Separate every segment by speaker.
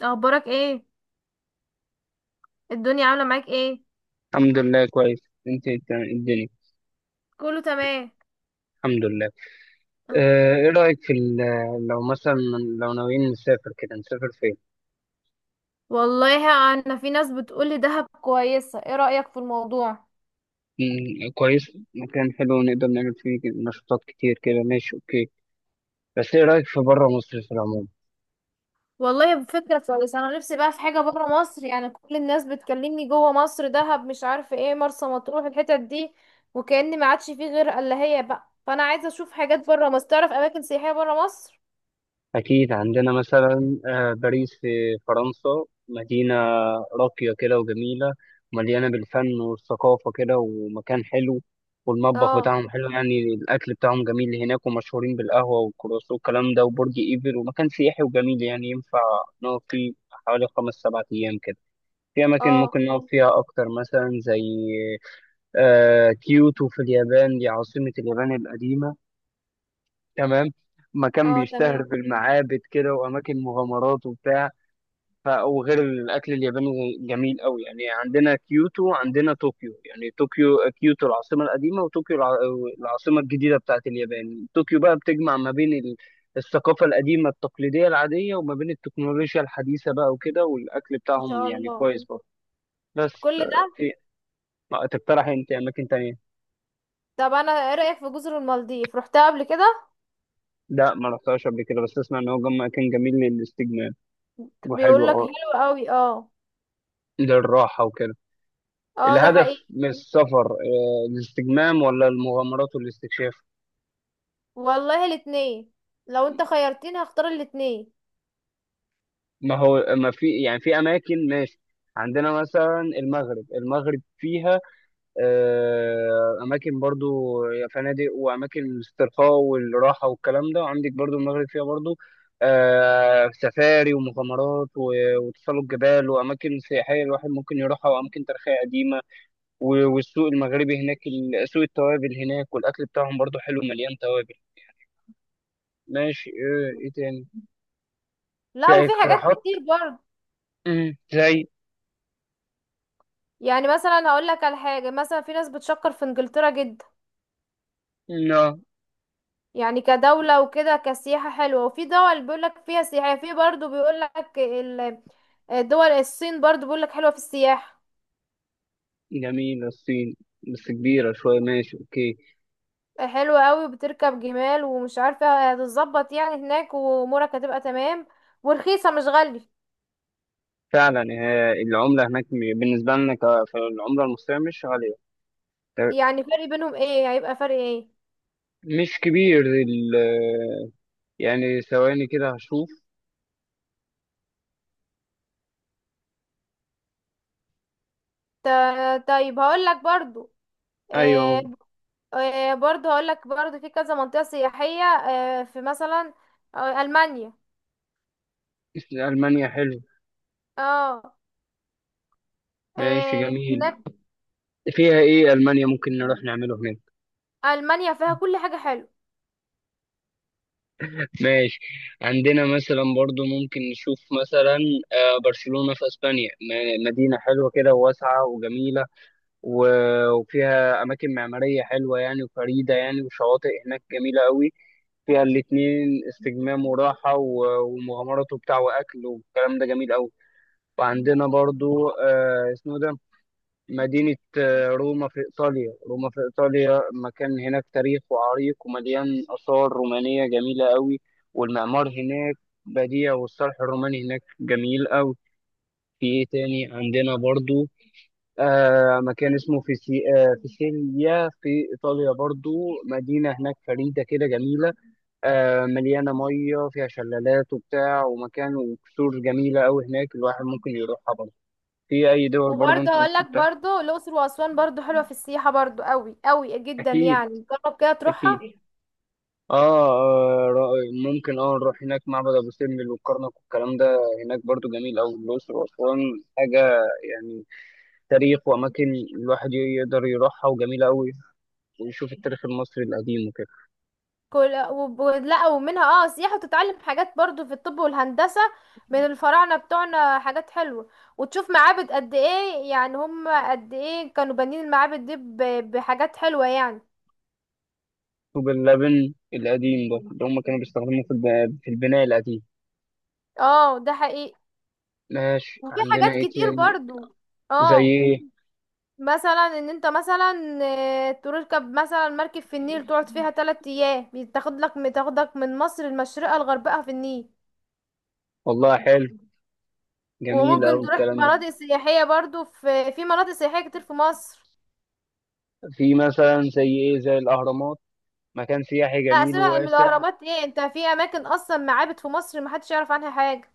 Speaker 1: اخبارك ايه؟ الدنيا عامله معاك ايه؟
Speaker 2: الحمد لله كويس. الدنيا.
Speaker 1: كله تمام.
Speaker 2: الحمد لله.
Speaker 1: آه.
Speaker 2: اه، ايه رأيك في لو مثلا لو ناويين نسافر كده نسافر فين؟
Speaker 1: والله، انا في ناس بتقولي دهب كويسه، ايه رايك في الموضوع؟
Speaker 2: كويس، مكان حلو نقدر نعمل فيه نشاطات كتير كده. ماشي، اوكي. بس ايه رأيك في بره مصر في العموم؟
Speaker 1: والله فكره كويسه، انا نفسي بقى في حاجه بره مصر، يعني كل الناس بتكلمني جوه مصر: دهب، مش عارفه ايه، مرسى مطروح، الحتت دي، وكأن ما عادش فيه غير الا هي بقى. فانا عايزه اشوف حاجات بره مصر، تعرف اماكن سياحيه بره مصر.
Speaker 2: أكيد عندنا مثلا باريس في فرنسا، مدينة راقية كده وجميلة ومليانة بالفن والثقافة كده، ومكان حلو. والمطبخ
Speaker 1: اه.
Speaker 2: بتاعهم حلو، يعني الأكل بتاعهم جميل هناك، ومشهورين بالقهوة والكرواسون والكلام ده وبرج إيفل، ومكان سياحي وجميل. يعني ينفع نقعد فيه حوالي 5-7 أيام كده. في أماكن
Speaker 1: اه.
Speaker 2: ممكن نقعد فيها أكتر، مثلا زي كيوتو في اليابان، دي عاصمة اليابان القديمة. تمام. مكان
Speaker 1: اه،
Speaker 2: بيشتهر
Speaker 1: تمام.
Speaker 2: بالمعابد كده وأماكن مغامرات وبتاع. وغير الأكل الياباني جميل قوي. يعني عندنا كيوتو، عندنا طوكيو. يعني طوكيو كيوتو العاصمة القديمة، وطوكيو العاصمة الجديدة بتاعت اليابان. طوكيو بقى بتجمع ما بين الثقافة القديمة التقليدية العادية، وما بين التكنولوجيا الحديثة بقى وكده. والأكل
Speaker 1: ان
Speaker 2: بتاعهم
Speaker 1: شاء
Speaker 2: يعني
Speaker 1: الله
Speaker 2: كويس برضه. بس
Speaker 1: كل ده.
Speaker 2: في. ما تقترح أنت أماكن تانية؟
Speaker 1: طب انا، ايه رايك في جزر المالديف؟ رحتها قبل كده؟
Speaker 2: لا، ما رحتهاش قبل كده، بس أسمع إن هو مكان جميل للاستجمام وحلو.
Speaker 1: بيقول لك
Speaker 2: أه،
Speaker 1: حلو قوي. اه.
Speaker 2: للراحة وكده.
Speaker 1: اه، ده
Speaker 2: الهدف
Speaker 1: حقيقي.
Speaker 2: من السفر الاستجمام ولا المغامرات والاستكشاف؟
Speaker 1: والله الاتنين. لو انت خيرتني هختار الاتنين.
Speaker 2: ما هو ما في، يعني في أماكن. ماشي. عندنا مثلا المغرب، المغرب فيها أماكن برضو، فنادق وأماكن الاسترخاء والراحة والكلام ده. وعندك برضو المغرب فيها برضو سفاري ومغامرات وتسلق جبال وأماكن سياحية الواحد ممكن يروحها، وأماكن تاريخية قديمة. والسوق المغربي هناك، سوق التوابل هناك، والأكل بتاعهم برضو حلو مليان توابل. ماشي. إيه، إيه تاني؟
Speaker 1: لا،
Speaker 2: في أي
Speaker 1: وفي حاجات
Speaker 2: اقتراحات؟
Speaker 1: كتير برضه.
Speaker 2: زي.
Speaker 1: يعني مثلا هقول لك على حاجه، مثلا في ناس بتشكر في انجلترا جدا،
Speaker 2: لا.
Speaker 1: يعني كدوله وكده كسياحه حلوه. وفي دول بيقول لك فيها سياحه، في برضه بيقول لك الدول الصين برضه بيقول لك حلوه في السياحه.
Speaker 2: جميلة الصين، بس كبيرة شوية. ماشي أوكي.
Speaker 1: حلوه قوي، وبتركب جمال، ومش عارفه هتتظبط يعني هناك، وامورك هتبقى تمام، ورخيصه مش غاليه.
Speaker 2: فعلا العملة هناك بالنسبة لنا فالعملة المصرية مش غالية. ت-
Speaker 1: يعني فرق بينهم ايه؟ هيبقى فرق ايه؟
Speaker 2: مش كبير يعني ثواني كده هشوف.
Speaker 1: طيب هقول لك برضو. آه،
Speaker 2: أيوه.
Speaker 1: برضه هقول لك برضه في كذا منطقة سياحية، في مثلا ألمانيا.
Speaker 2: ألمانيا حلو.
Speaker 1: اه.
Speaker 2: ماشي، جميل.
Speaker 1: هناك
Speaker 2: فيها إيه ألمانيا ممكن نروح نعمله هناك؟
Speaker 1: ألمانيا فيها كل حاجة حلوة.
Speaker 2: ماشي. عندنا مثلا برضو ممكن نشوف مثلا برشلونة في اسبانيا، مدينة حلوة كده وواسعة وجميلة. وفيها اماكن معمارية حلوة يعني وفريدة يعني، وشواطئ هناك جميلة قوي. فيها الاتنين، استجمام وراحة ومغامرات وبتاع واكل والكلام ده جميل قوي. وعندنا برضو آه، اسمه ده، مدينة روما في إيطاليا. مكان هناك تاريخ وعريق ومليان آثار رومانية جميلة قوي. والمعمار هناك بديع، والصرح الروماني هناك جميل قوي. في إيه تاني عندنا برضو؟ آه، مكان اسمه آه، فيسيليا في إيطاليا برضو. مدينة هناك فريدة كده، جميلة آه، مليانة مية، فيها شلالات وبتاع ومكان وكسور جميلة قوي هناك الواحد ممكن يروحها برضو. في أي دول برضو
Speaker 1: وبرضه
Speaker 2: أنت
Speaker 1: هقول
Speaker 2: ممكن
Speaker 1: لك
Speaker 2: تروح؟
Speaker 1: برضه الأقصر وأسوان برضه حلوة في السياحة برضه، قوي قوي جدا،
Speaker 2: أكيد.
Speaker 1: يعني جرب كده تروحها.
Speaker 2: أكيد. اه. آه، ممكن اه نروح هناك معبد ابو سمبل والكرنك والكلام ده، هناك برضو جميل. او الاقصر واسوان، حاجه يعني، تاريخ واماكن الواحد يقدر يروحها وجميله قوي، ويشوف التاريخ المصري القديم وكده.
Speaker 1: كل لا، ومنها سياحة، وتتعلم حاجات برضه في الطب والهندسة من الفراعنة بتوعنا حاجات حلوة. وتشوف معابد قد ايه، يعني هم قد ايه كانوا بانيين المعابد دي بحاجات حلوة يعني.
Speaker 2: طوب اللبن القديم برضو اللي هم كانوا بيستخدموه في في البناء القديم.
Speaker 1: اه، ده حقيقي.
Speaker 2: ماشي.
Speaker 1: وفي
Speaker 2: عندنا
Speaker 1: حاجات
Speaker 2: ايه
Speaker 1: كتير
Speaker 2: تاني؟
Speaker 1: برضو.
Speaker 2: زي
Speaker 1: اه.
Speaker 2: ايه؟
Speaker 1: مثلا ان انت مثلا تركب مثلا مركب في النيل، تقعد فيها تلات ايام، بتاخدك من مصر المشرقة لغربها في النيل.
Speaker 2: والله حلو، جميل
Speaker 1: وممكن
Speaker 2: أوي
Speaker 1: تروح
Speaker 2: الكلام ده.
Speaker 1: مناطق سياحية برضو، في مناطق سياحية كتير في مصر.
Speaker 2: في مثلا زي ايه، زي الاهرامات؟ مكان سياحي
Speaker 1: لا
Speaker 2: جميل
Speaker 1: سيبك من
Speaker 2: وواسع.
Speaker 1: الاهرامات، ايه انت، في اماكن اصلا معابد في مصر محدش يعرف عنها حاجة.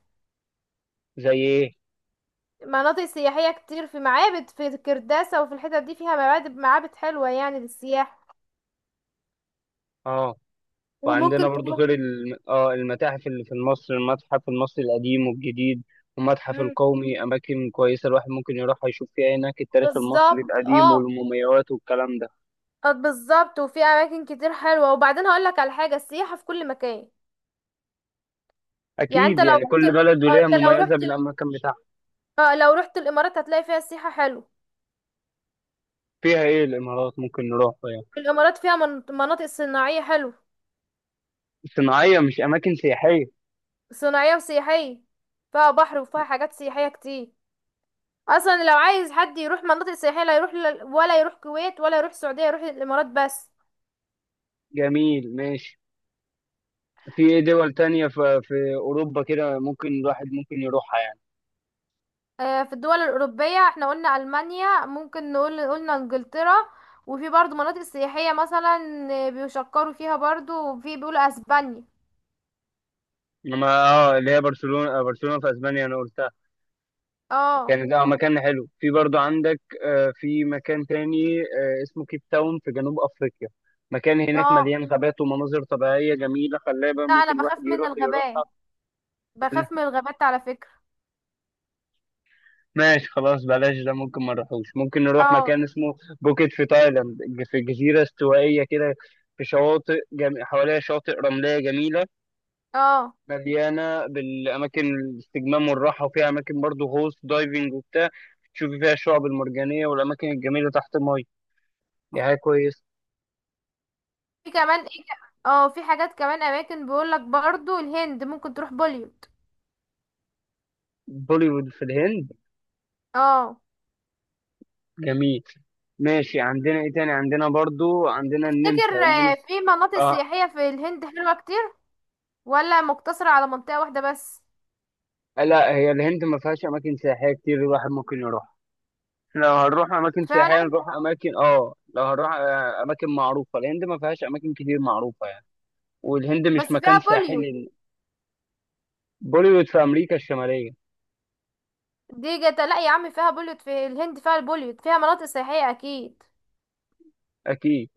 Speaker 2: زي ايه؟
Speaker 1: مناطق سياحية كتير، في معابد في الكرداسة، وفي الحتت دي فيها معابد معابد حلوة يعني للسياحة.
Speaker 2: اه. وعندنا
Speaker 1: وممكن
Speaker 2: برضو
Speaker 1: تروح.
Speaker 2: غير اه المتاحف اللي في مصر، المتحف المصري القديم والجديد والمتحف القومي، أماكن كويسة الواحد ممكن يروحها يشوف فيها هناك التاريخ المصري
Speaker 1: بالظبط،
Speaker 2: القديم
Speaker 1: اه.
Speaker 2: والمومياوات والكلام ده.
Speaker 1: بالظبط، وفي اماكن كتير حلوه. وبعدين هقول لك على حاجه: السياحه في كل مكان. يعني انت
Speaker 2: أكيد.
Speaker 1: لو
Speaker 2: يعني
Speaker 1: رحت
Speaker 2: كل بلد
Speaker 1: آه،
Speaker 2: وليها
Speaker 1: انت لو
Speaker 2: مميزة
Speaker 1: رحت
Speaker 2: بالأماكن بتاعها.
Speaker 1: آه، لو رحت الامارات هتلاقي فيها سياحه حلو.
Speaker 2: فيها إيه الإمارات ممكن نروحها يعني؟
Speaker 1: الامارات فيها مناطق صناعيه حلو.
Speaker 2: صناعية مش أماكن سياحية؟
Speaker 1: صناعيه وسياحيه، فيها بحر وفيها حاجات سياحيه كتير. اصلا لو عايز حد يروح مناطق سياحيه، لا يروح ولا يروح كويت، ولا يروح السعوديه، يروح الامارات بس.
Speaker 2: جميل، ماشي. في إيه دول تانية في أوروبا كده ممكن الواحد ممكن يروحها يعني؟
Speaker 1: في الدول الأوروبية احنا قلنا ألمانيا، ممكن نقول قلنا إنجلترا. وفي برضو مناطق سياحية مثلا بيشكروا فيها برضو، وفي بيقولوا أسبانيا.
Speaker 2: إنما اه اللي هي برشلونة، برشلونة في أسبانيا أنا قلت
Speaker 1: اه.
Speaker 2: كانت اه مكان حلو. في برضو عندك في مكان تاني اسمه كيب تاون في جنوب افريقيا. مكان هناك
Speaker 1: اه.
Speaker 2: مليان غابات ومناظر طبيعية جميلة خلابة
Speaker 1: لا، أنا
Speaker 2: ممكن الواحد
Speaker 1: بخاف من
Speaker 2: يروح
Speaker 1: الغابات،
Speaker 2: يروحها.
Speaker 1: بخاف من الغابات على فكرة.
Speaker 2: ماشي، خلاص بلاش ده، ممكن ما نروحوش. ممكن نروح مكان
Speaker 1: اه.
Speaker 2: اسمه بوكيت في تايلاند. في جزيرة استوائية كده، في شواطئ حواليها شواطئ رملية جميلة
Speaker 1: اه.
Speaker 2: مليانة بالأماكن الاستجمام والراحة. وفيها أماكن برضو غوص دايفنج وبتاع، تشوفي فيها الشعب المرجانية والأماكن الجميلة تحت المية. دي حاجة كويسة.
Speaker 1: في كمان ايه في حاجات كمان، أماكن بيقولك برضو الهند، ممكن تروح بوليوود.
Speaker 2: بوليوود في الهند.
Speaker 1: اه.
Speaker 2: جميل. ماشي، عندنا ايه تاني؟ عندنا برضو عندنا النمسا.
Speaker 1: تفتكر
Speaker 2: النمسا،
Speaker 1: في مناطق
Speaker 2: اه.
Speaker 1: سياحية في الهند حلوة كتير، ولا مقتصرة على منطقة واحدة بس؟
Speaker 2: لا، هي الهند ما فيهاش اماكن سياحيه كتير الواحد ممكن يروح. لو هنروح اماكن سياحيه
Speaker 1: فعلا.
Speaker 2: نروح اماكن، اه لو هنروح اماكن معروفه، الهند ما فيهاش اماكن كتير معروفه يعني. والهند
Speaker 1: بس
Speaker 2: مش
Speaker 1: فيها
Speaker 2: مكان
Speaker 1: بوليوود.
Speaker 2: ساحلي. بوليوود في امريكا الشماليه.
Speaker 1: دي جت! لا يا عم، فيها بوليوت، في الهند فيها البوليوت، فيها مناطق سياحية أكيد.
Speaker 2: اكيد.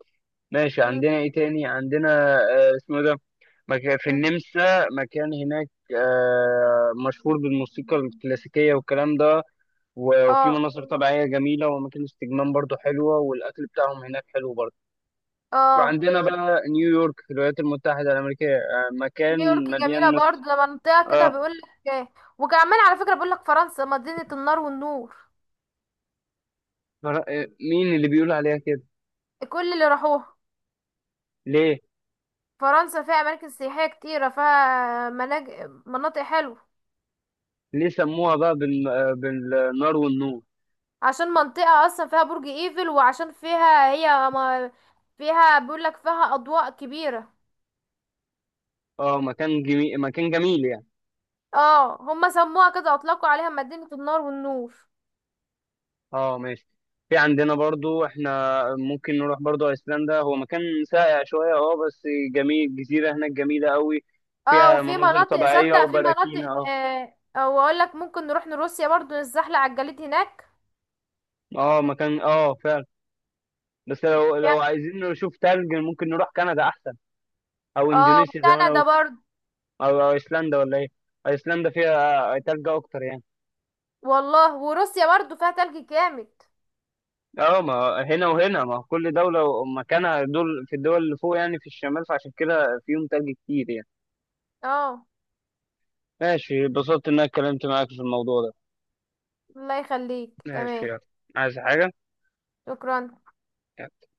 Speaker 2: ماشي.
Speaker 1: مم.
Speaker 2: عندنا ايه تاني؟ عندنا آه، اسمه ده، في
Speaker 1: مم.
Speaker 2: النمسا مكان هناك مشهور بالموسيقى الكلاسيكية والكلام ده. وفي
Speaker 1: اه.
Speaker 2: مناظر طبيعية جميلة وأماكن استجمام برضو حلوة، والأكل بتاعهم هناك حلو برضو.
Speaker 1: اه.
Speaker 2: وعندنا بقى نيويورك في الولايات المتحدة الأمريكية، مكان
Speaker 1: نيويورك جميلة
Speaker 2: مليان. مصر،
Speaker 1: برضه، ده منطقة كده
Speaker 2: آه
Speaker 1: بيقول لك إيه. وكمان على فكرة بيقول لك فرنسا مدينة النار والنور.
Speaker 2: آه، مين اللي بيقول عليها كده؟
Speaker 1: كل اللي راحوها.
Speaker 2: ليه؟
Speaker 1: فرنسا فيها أماكن سياحية كتيرة، فيها مناطق حلوة.
Speaker 2: ليه سموها بقى آه، بالنار والنور؟
Speaker 1: عشان منطقة أصلا فيها برج إيفل، وعشان فيها هي ما... فيها بيقول لك فيها أضواء كبيرة.
Speaker 2: اه، مكان جميل، مكان جميل يعني.
Speaker 1: اه، هما سموها كده، أطلقوا عليها مدينة النار والنور.
Speaker 2: اه، ماشي. في عندنا برضو احنا ممكن نروح برضو ايسلندا. هو مكان ساقع شوية اه، بس جميل. جزيرة هناك جميلة قوي.
Speaker 1: اه،
Speaker 2: فيها
Speaker 1: وفي
Speaker 2: مناظر
Speaker 1: مناطق
Speaker 2: طبيعية
Speaker 1: صدق، في
Speaker 2: وبراكين
Speaker 1: مناطق
Speaker 2: اه.
Speaker 1: او اقول لك ممكن نروح لروسيا برضو، نتزحلق على الجليد هناك.
Speaker 2: اه، مكان اه فعلا. بس لو لو
Speaker 1: جامد.
Speaker 2: عايزين نشوف تلج ممكن نروح كندا احسن. او
Speaker 1: اه،
Speaker 2: اندونيسيا زي ما انا
Speaker 1: وكندا
Speaker 2: قلت.
Speaker 1: برضو.
Speaker 2: او ايسلندا ولا ايه؟ ايسلندا فيها تلج اكتر يعني.
Speaker 1: والله وروسيا برضو فيها تلج جامد.
Speaker 2: اه، ما هنا وهنا ما هو كل دولة ومكانها. دول في الدول اللي فوق يعني في الشمال، فعشان كده فيهم تلج كتير يعني.
Speaker 1: اه.
Speaker 2: ماشي. اتبسطت ان انا اتكلمت معاك في الموضوع ده.
Speaker 1: الله يخليك،
Speaker 2: ماشي،
Speaker 1: تمام.
Speaker 2: يلا. عايز حاجة؟
Speaker 1: شكرا.